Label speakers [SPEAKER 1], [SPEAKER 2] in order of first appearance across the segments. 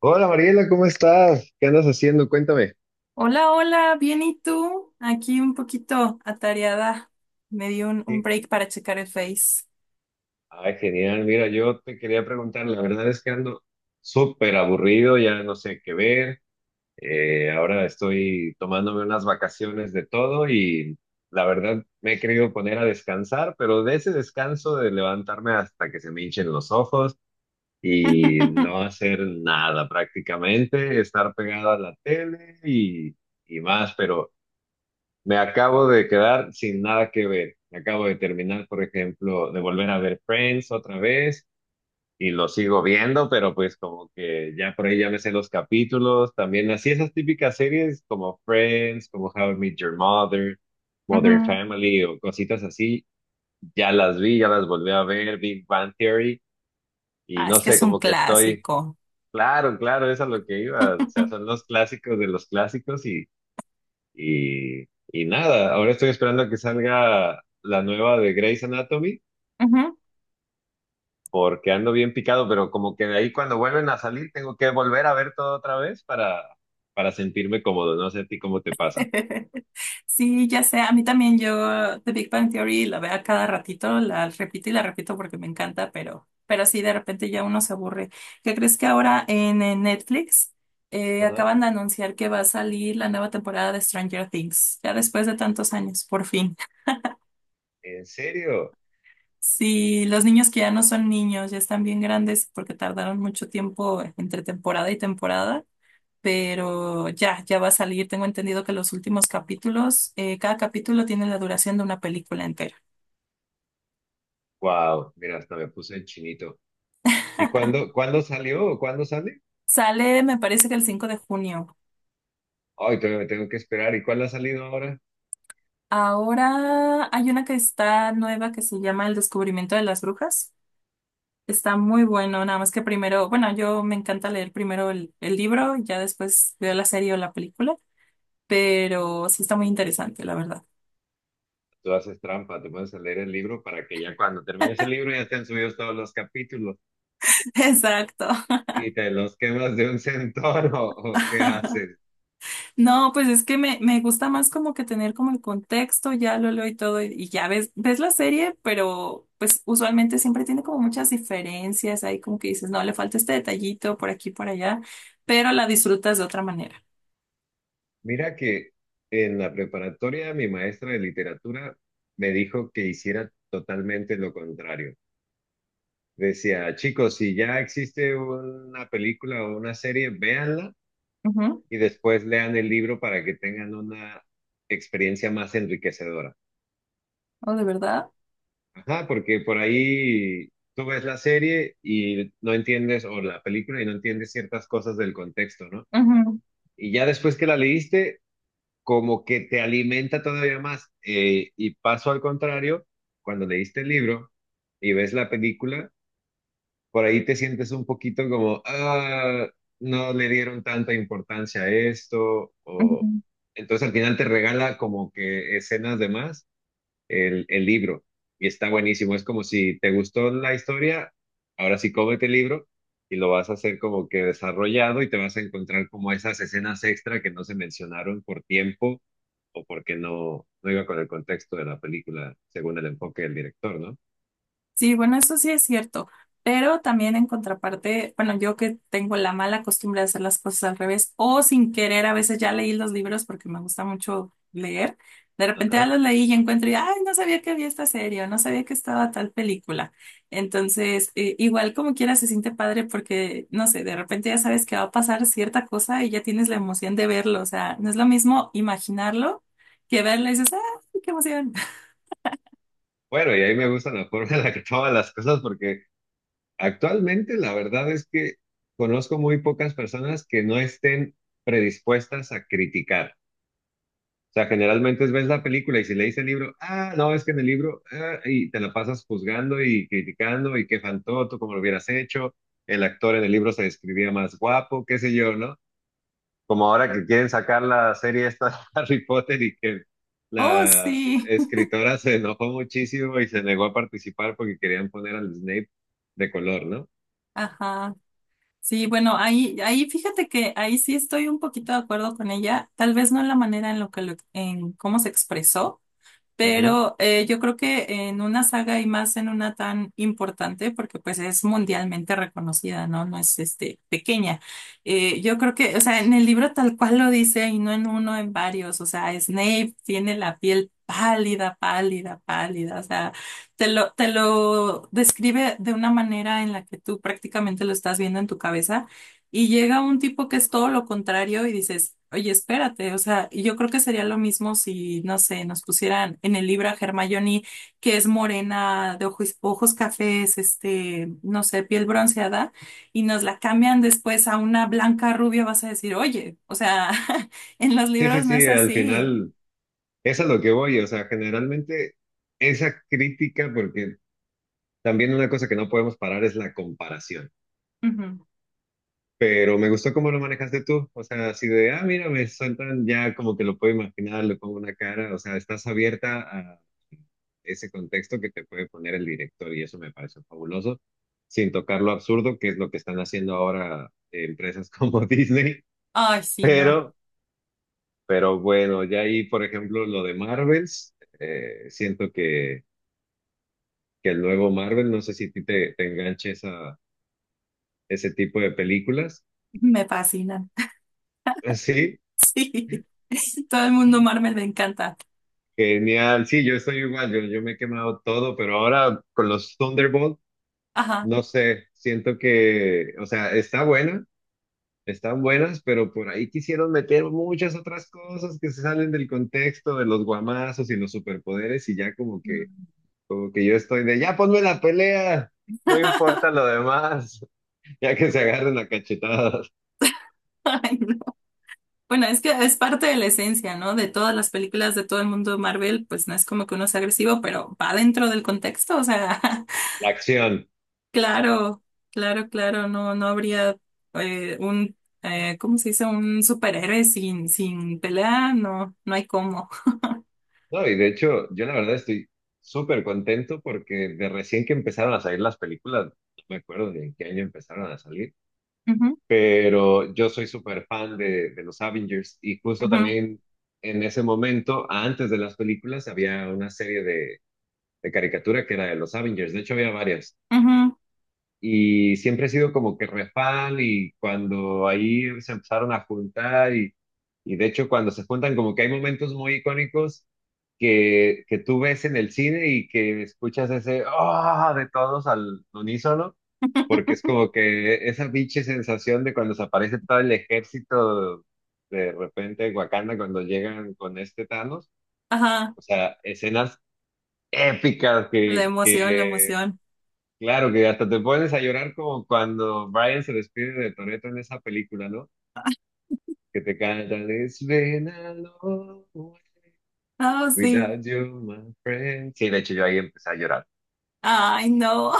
[SPEAKER 1] Hola Mariela, ¿cómo estás? ¿Qué andas haciendo? Cuéntame.
[SPEAKER 2] Hola, hola, bien, ¿y tú? Aquí un poquito atareada. Me di un
[SPEAKER 1] Sí.
[SPEAKER 2] break para checar el Face.
[SPEAKER 1] Ay, genial. Mira, yo te quería preguntar, la verdad es que ando súper aburrido, ya no sé qué ver. Ahora estoy tomándome unas vacaciones de todo y la verdad me he querido poner a descansar, pero de ese descanso de levantarme hasta que se me hinchen los ojos y no hacer nada prácticamente, estar pegado a la tele y más, pero me acabo de quedar sin nada que ver. Me acabo de terminar, por ejemplo, de volver a ver Friends otra vez y lo sigo viendo, pero pues como que ya por ahí ya me sé los capítulos. También así esas típicas series como Friends, como How I Met Your Mother, Modern
[SPEAKER 2] Ujú.
[SPEAKER 1] Family o cositas así, ya las vi, ya las volví a ver, Big Bang Theory y
[SPEAKER 2] Ah, es
[SPEAKER 1] no
[SPEAKER 2] que
[SPEAKER 1] sé,
[SPEAKER 2] es un
[SPEAKER 1] como que estoy,
[SPEAKER 2] clásico.
[SPEAKER 1] claro, claro, es a lo que iba. O sea, son los clásicos de los clásicos y, y nada, ahora estoy esperando a que salga la nueva de Grey's Anatomy,
[SPEAKER 2] Ujú.
[SPEAKER 1] porque ando bien picado, pero como que de ahí cuando vuelven a salir tengo que volver a ver todo otra vez para sentirme cómodo. No sé a ti cómo te pasa.
[SPEAKER 2] Sí, ya sé, a mí también yo The Big Bang Theory la veo a cada ratito, la repito y la repito porque me encanta, pero sí, de repente ya uno se aburre. ¿Qué crees que ahora en, Netflix
[SPEAKER 1] Ajá.
[SPEAKER 2] acaban de anunciar que va a salir la nueva temporada de Stranger Things, ya después de tantos años, por fin?
[SPEAKER 1] ¿En serio?
[SPEAKER 2] Sí, los niños que ya no son niños, ya están bien grandes porque tardaron mucho tiempo entre temporada y temporada,
[SPEAKER 1] Ajá.
[SPEAKER 2] pero ya, va a salir. Tengo entendido que los últimos capítulos, cada capítulo tiene la duración de una película entera.
[SPEAKER 1] Wow, mira, hasta me puse el chinito. ¿Y cuándo salió? ¿O ¿cuándo sale?
[SPEAKER 2] Sale, me parece que el 5 de junio.
[SPEAKER 1] Ay, todavía me tengo que esperar. ¿Y cuál ha salido ahora?
[SPEAKER 2] Ahora hay una que está nueva que se llama El descubrimiento de las brujas. Está muy bueno, nada más que primero, bueno, yo me encanta leer primero el libro, ya después veo la serie o la película, pero sí está muy interesante, la verdad.
[SPEAKER 1] Tú haces trampa, te pones a leer el libro para que ya cuando termines el libro ya estén subidos todos los capítulos.
[SPEAKER 2] Exacto.
[SPEAKER 1] ¿Y te los quemas de un centón o qué haces?
[SPEAKER 2] No, pues es que me gusta más como que tener como el contexto, ya lo leo y todo, y ya ves la serie, pero pues usualmente siempre tiene como muchas diferencias, ahí como que dices, no, le falta este detallito por aquí, por allá, pero la disfrutas de otra manera.
[SPEAKER 1] Mira que en la preparatoria mi maestra de literatura me dijo que hiciera totalmente lo contrario. Decía, chicos, si ya existe una película o una serie, véanla
[SPEAKER 2] Ujú.
[SPEAKER 1] y después lean el libro para que tengan una experiencia más enriquecedora.
[SPEAKER 2] Oh, de verdad.
[SPEAKER 1] Ajá, porque por ahí tú ves la serie y no entiendes, o la película y no entiendes ciertas cosas del contexto, ¿no?
[SPEAKER 2] Ujú,
[SPEAKER 1] Y ya después que la leíste, como que te alimenta todavía más. Y paso al contrario, cuando leíste el libro y ves la película, por ahí te sientes un poquito como, ah, no le dieron tanta importancia a esto, o
[SPEAKER 2] ujú.
[SPEAKER 1] entonces al final te regala como que escenas de más el libro y está buenísimo. Es como si te gustó la historia, ahora sí cómete el libro y lo vas a hacer como que desarrollado y te vas a encontrar como esas escenas extra que no se mencionaron por tiempo o porque no, no iba con el contexto de la película según el enfoque del director, ¿no?
[SPEAKER 2] Sí, bueno, eso sí es cierto, pero también en contraparte, bueno, yo que tengo la mala costumbre de hacer las cosas al revés o sin querer, a veces ya leí los libros porque me gusta mucho leer, de repente ya
[SPEAKER 1] Ajá.
[SPEAKER 2] los leí y encuentro y, ay, no sabía que había esta serie o no sabía que estaba tal película. Entonces, igual como quiera se siente padre porque, no sé, de repente ya sabes que va a pasar cierta cosa y ya tienes la emoción de verlo, o sea, no es lo mismo imaginarlo que verlo y dices, ay, qué emoción.
[SPEAKER 1] Bueno, y ahí me gusta la forma en la que toman las cosas porque actualmente la verdad es que conozco muy pocas personas que no estén predispuestas a criticar. O sea, generalmente ves la película y si lees el libro, ah, no, es que en el libro, ah, y te la pasas juzgando y criticando y qué faltó, tú cómo lo hubieras hecho, el actor en el libro se describía más guapo, qué sé yo, ¿no? Como ahora que quieren sacar la serie esta de Harry Potter y que
[SPEAKER 2] Oh,
[SPEAKER 1] la
[SPEAKER 2] sí.
[SPEAKER 1] escritora se enojó muchísimo y se negó a participar porque querían poner al Snape de color, ¿no?
[SPEAKER 2] Ajá. Sí, bueno, ahí, ahí fíjate que ahí sí estoy un poquito de acuerdo con ella, tal vez no en la manera en lo que lo- en cómo se expresó,
[SPEAKER 1] Ujú.
[SPEAKER 2] pero yo creo que en una saga y más en una tan importante, porque pues es mundialmente reconocida, ¿no? No es este pequeña. Yo creo que, o sea, en el libro tal cual lo dice, y no en uno, en varios. O sea, Snape tiene la piel pálida, pálida, pálida. O sea, te lo describe de una manera en la que tú prácticamente lo estás viendo en tu cabeza. Y llega un tipo que es todo lo contrario y dices, oye, espérate, o sea, y yo creo que sería lo mismo si, no sé, nos pusieran en el libro a Hermione, que es morena, de ojos cafés, este, no sé, piel bronceada, y nos la cambian después a una blanca rubia, vas a decir, oye, o sea, en los
[SPEAKER 1] Sí, sí,
[SPEAKER 2] libros no
[SPEAKER 1] sí,
[SPEAKER 2] es
[SPEAKER 1] al
[SPEAKER 2] así.
[SPEAKER 1] final, eso es a lo que voy, o sea, generalmente esa crítica, porque también una cosa que no podemos parar es la comparación.
[SPEAKER 2] Ujú.
[SPEAKER 1] Pero me gustó cómo lo manejaste tú. O sea, así de, ah, mira, me sueltan ya como que lo puedo imaginar, le pongo una cara. O sea, estás abierta a ese contexto que te puede poner el director y eso me parece fabuloso, sin tocar lo absurdo, que es lo que están haciendo ahora empresas como Disney.
[SPEAKER 2] Ay, sí, no,
[SPEAKER 1] Pero, pero bueno, ya ahí, por ejemplo, lo de Marvels, siento que el nuevo Marvel, no sé si a ti te, te enganche esa, ese tipo de películas.
[SPEAKER 2] me fascinan.
[SPEAKER 1] Ah, sí,
[SPEAKER 2] Sí, todo el mundo Marvel me encanta.
[SPEAKER 1] genial. Sí, yo estoy igual, yo me he quemado todo, pero ahora con los Thunderbolt,
[SPEAKER 2] Ajá.
[SPEAKER 1] no sé, siento que, o sea, está buena, están buenas, pero por ahí quisieron meter muchas otras cosas que se salen del contexto de los guamazos y los superpoderes y ya
[SPEAKER 2] Mm.
[SPEAKER 1] como que yo estoy de, ya ponme la pelea, no importa lo demás, ya que se agarren a cachetadas,
[SPEAKER 2] Ay, no. Bueno, es que es parte de la esencia, ¿no? De todas las películas de todo el mundo de Marvel, pues no es como que uno sea agresivo, pero va dentro del contexto, o sea,
[SPEAKER 1] la acción.
[SPEAKER 2] claro, claro, claro, no, no habría eh, un, ¿cómo se dice? Un superhéroe sin pelea, no, no hay cómo.
[SPEAKER 1] No, y de hecho, yo la verdad estoy súper contento porque de recién que empezaron a salir las películas, no me acuerdo de en qué año empezaron a salir,
[SPEAKER 2] Ujú,
[SPEAKER 1] pero yo soy súper fan de los Avengers y justo
[SPEAKER 2] ujú,
[SPEAKER 1] también en ese momento, antes de las películas, había una serie de caricatura que era de los Avengers, de hecho había varias
[SPEAKER 2] ujú.
[SPEAKER 1] y siempre he sido como que re fan y cuando ahí se empezaron a juntar y de hecho cuando se juntan como que hay momentos muy icónicos que tú ves en el cine y que escuchas ese ah de todos al unísono, porque es como que esa biche sensación de cuando se aparece todo el ejército de repente en Wakanda cuando llegan con este Thanos,
[SPEAKER 2] Ajá,
[SPEAKER 1] o sea, escenas épicas
[SPEAKER 2] la emoción, la
[SPEAKER 1] que
[SPEAKER 2] emoción.
[SPEAKER 1] claro que hasta te pones a llorar como cuando Brian se despide de Toretto en esa película, ¿no? Que te cantan It's been a long way
[SPEAKER 2] Oh, sí.
[SPEAKER 1] without you, my friend. Sí, de hecho yo ahí empecé a llorar.
[SPEAKER 2] Ay, no,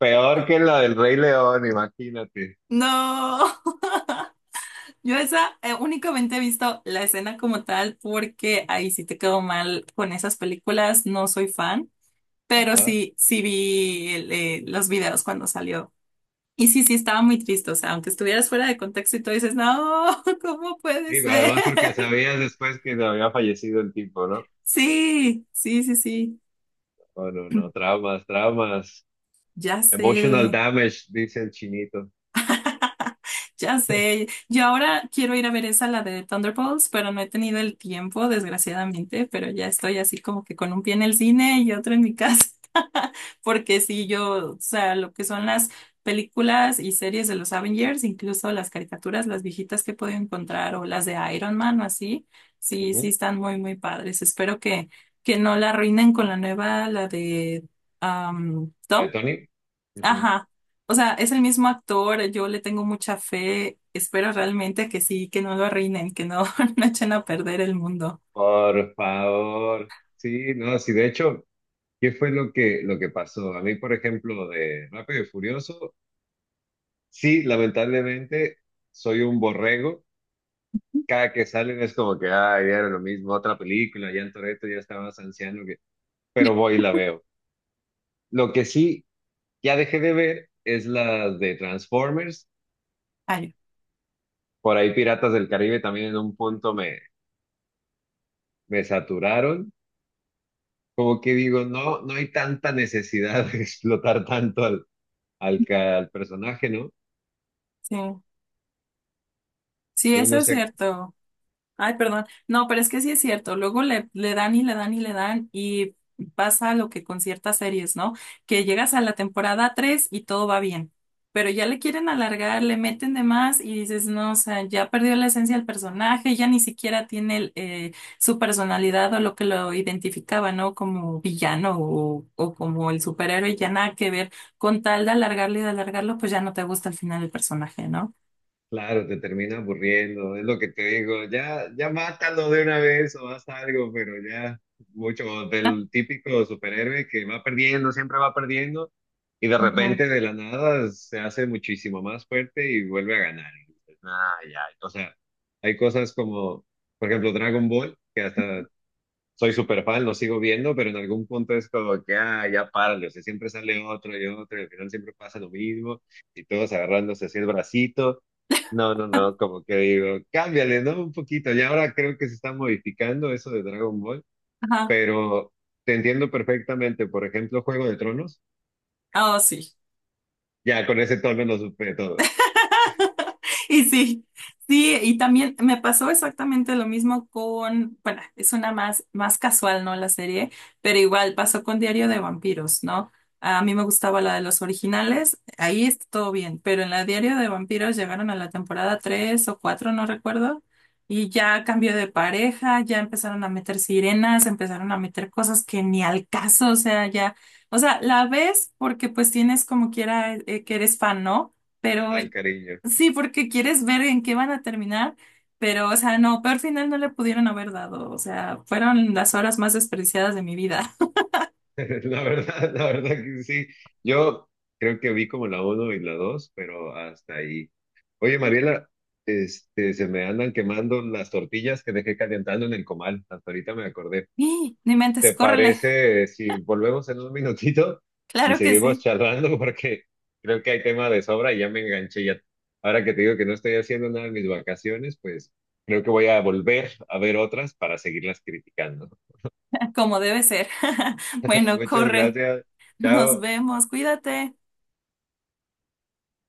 [SPEAKER 1] Peor que la del Rey León, imagínate.
[SPEAKER 2] no. Yo esa únicamente he visto la escena como tal porque ahí sí te quedó mal con esas películas, no soy fan, pero
[SPEAKER 1] Ajá.
[SPEAKER 2] sí, sí vi los videos cuando salió. Y sí, sí estaba muy triste, o sea, aunque estuvieras fuera de contexto y tú dices, no, ¿cómo puede
[SPEAKER 1] Y
[SPEAKER 2] ser?
[SPEAKER 1] además porque sabías después que no había fallecido el tipo, ¿no?
[SPEAKER 2] Sí, sí, sí, sí.
[SPEAKER 1] Oh, no, no, traumas, traumas.
[SPEAKER 2] Ya
[SPEAKER 1] Emotional
[SPEAKER 2] sé.
[SPEAKER 1] damage, dice el chinito.
[SPEAKER 2] Ya sé, yo ahora quiero ir a ver esa, la de Thunderbolts, pero no he tenido el tiempo, desgraciadamente, pero ya estoy así como que con un pie en el cine y otro en mi casa, porque sí, yo, o sea, lo que son las películas y series de los Avengers, incluso las caricaturas, las viejitas que he podido encontrar o las de Iron Man o así, sí, sí
[SPEAKER 1] Ujú.
[SPEAKER 2] están muy, muy padres. Espero que no la arruinen con la nueva, la de um,
[SPEAKER 1] ¿La de Tony? Ujú.
[SPEAKER 2] Ajá. O sea, es el mismo actor, yo le tengo mucha fe, espero realmente que sí, que no lo arruinen, que no, no echen a perder el mundo.
[SPEAKER 1] Por favor. Sí, no, sí, de hecho. ¿Qué fue lo que pasó? A mí, por ejemplo, de Rápido y Furioso, sí, lamentablemente soy un borrego. Cada que salen es como que, ay, era lo mismo, otra película, ya en Toretto ya estaba más anciano, que... pero voy y la veo. Lo que sí ya dejé de ver es las de Transformers.
[SPEAKER 2] Ay,
[SPEAKER 1] Por ahí Piratas del Caribe también en un punto me, me saturaron. Como que digo, no, no hay tanta necesidad de explotar tanto al, al, ca- al personaje, ¿no?
[SPEAKER 2] sí. Sí,
[SPEAKER 1] No,
[SPEAKER 2] eso
[SPEAKER 1] no
[SPEAKER 2] es
[SPEAKER 1] sé.
[SPEAKER 2] cierto. Ay, perdón. No, pero es que sí es cierto. Luego le dan y le dan y le dan y pasa lo que con ciertas series, ¿no? Que llegas a la temporada 3 y todo va bien. Pero ya le quieren alargar, le meten de más y dices, no, o sea, ya perdió la esencia del personaje, ya ni siquiera tiene su personalidad o lo que lo identificaba, ¿no? Como villano o como el superhéroe, ya nada que ver. Con tal de alargarlo y de alargarlo, pues ya no te gusta al final el personaje, ¿no?
[SPEAKER 1] Claro, te termina aburriendo, es lo que te digo, ya, ya mátalo de una vez o haz algo, pero ya mucho del típico superhéroe que va perdiendo, siempre va perdiendo y de
[SPEAKER 2] Ujú.
[SPEAKER 1] repente de la nada se hace muchísimo más fuerte y vuelve a ganar. Y dices, "Ay, ay". O sea, hay cosas como, por ejemplo, Dragon Ball, que hasta soy súper fan, lo sigo viendo, pero en algún punto es como que, ah, ya párale, o sea, siempre sale otro y otro, y al final siempre pasa lo mismo, y todos agarrándose así el bracito. No, no, no, como que digo, cámbiale, ¿no? Un poquito, y ahora creo que se está modificando eso de Dragon Ball,
[SPEAKER 2] Ajá.
[SPEAKER 1] pero te entiendo perfectamente, por ejemplo, Juego de Tronos,
[SPEAKER 2] Oh, sí.
[SPEAKER 1] ya con ese tono lo supe todo,
[SPEAKER 2] Y sí, sí, y también me pasó exactamente lo mismo con, bueno, es una más, más casual, ¿no? La serie, pero igual pasó con Diario de Vampiros, ¿no? A mí me gustaba la de los originales, ahí está todo bien, pero en la Diario de Vampiros llegaron a la temporada 3 o 4 no recuerdo, y ya cambió de pareja, ya empezaron a meter sirenas, empezaron a meter cosas que ni al caso, o sea, ya, o sea, la ves porque pues tienes como quiera que eres fan, ¿no?
[SPEAKER 1] es
[SPEAKER 2] Pero
[SPEAKER 1] el cariño.
[SPEAKER 2] sí, porque quieres ver en qué van a terminar, pero, o sea, no, peor final no le pudieron haber dado, o sea, fueron las horas más despreciadas de mi vida.
[SPEAKER 1] La verdad que sí. Yo creo que vi como la uno y la 2 pero hasta ahí. Oye, Mariela, este, se me andan quemando las tortillas que dejé calentando en el comal. Hasta ahorita me acordé.
[SPEAKER 2] Y ni mentes,
[SPEAKER 1] ¿Te
[SPEAKER 2] córrele,
[SPEAKER 1] parece si volvemos en un minutito y
[SPEAKER 2] claro que
[SPEAKER 1] seguimos
[SPEAKER 2] sí,
[SPEAKER 1] charlando? Porque creo que hay tema de sobra y ya me enganché ya. Ahora que te digo que no estoy haciendo nada en mis vacaciones, pues creo que voy a volver a ver otras para seguirlas criticando.
[SPEAKER 2] como debe ser. Bueno,
[SPEAKER 1] Muchas
[SPEAKER 2] corre,
[SPEAKER 1] gracias.
[SPEAKER 2] nos
[SPEAKER 1] Chao.
[SPEAKER 2] vemos, cuídate.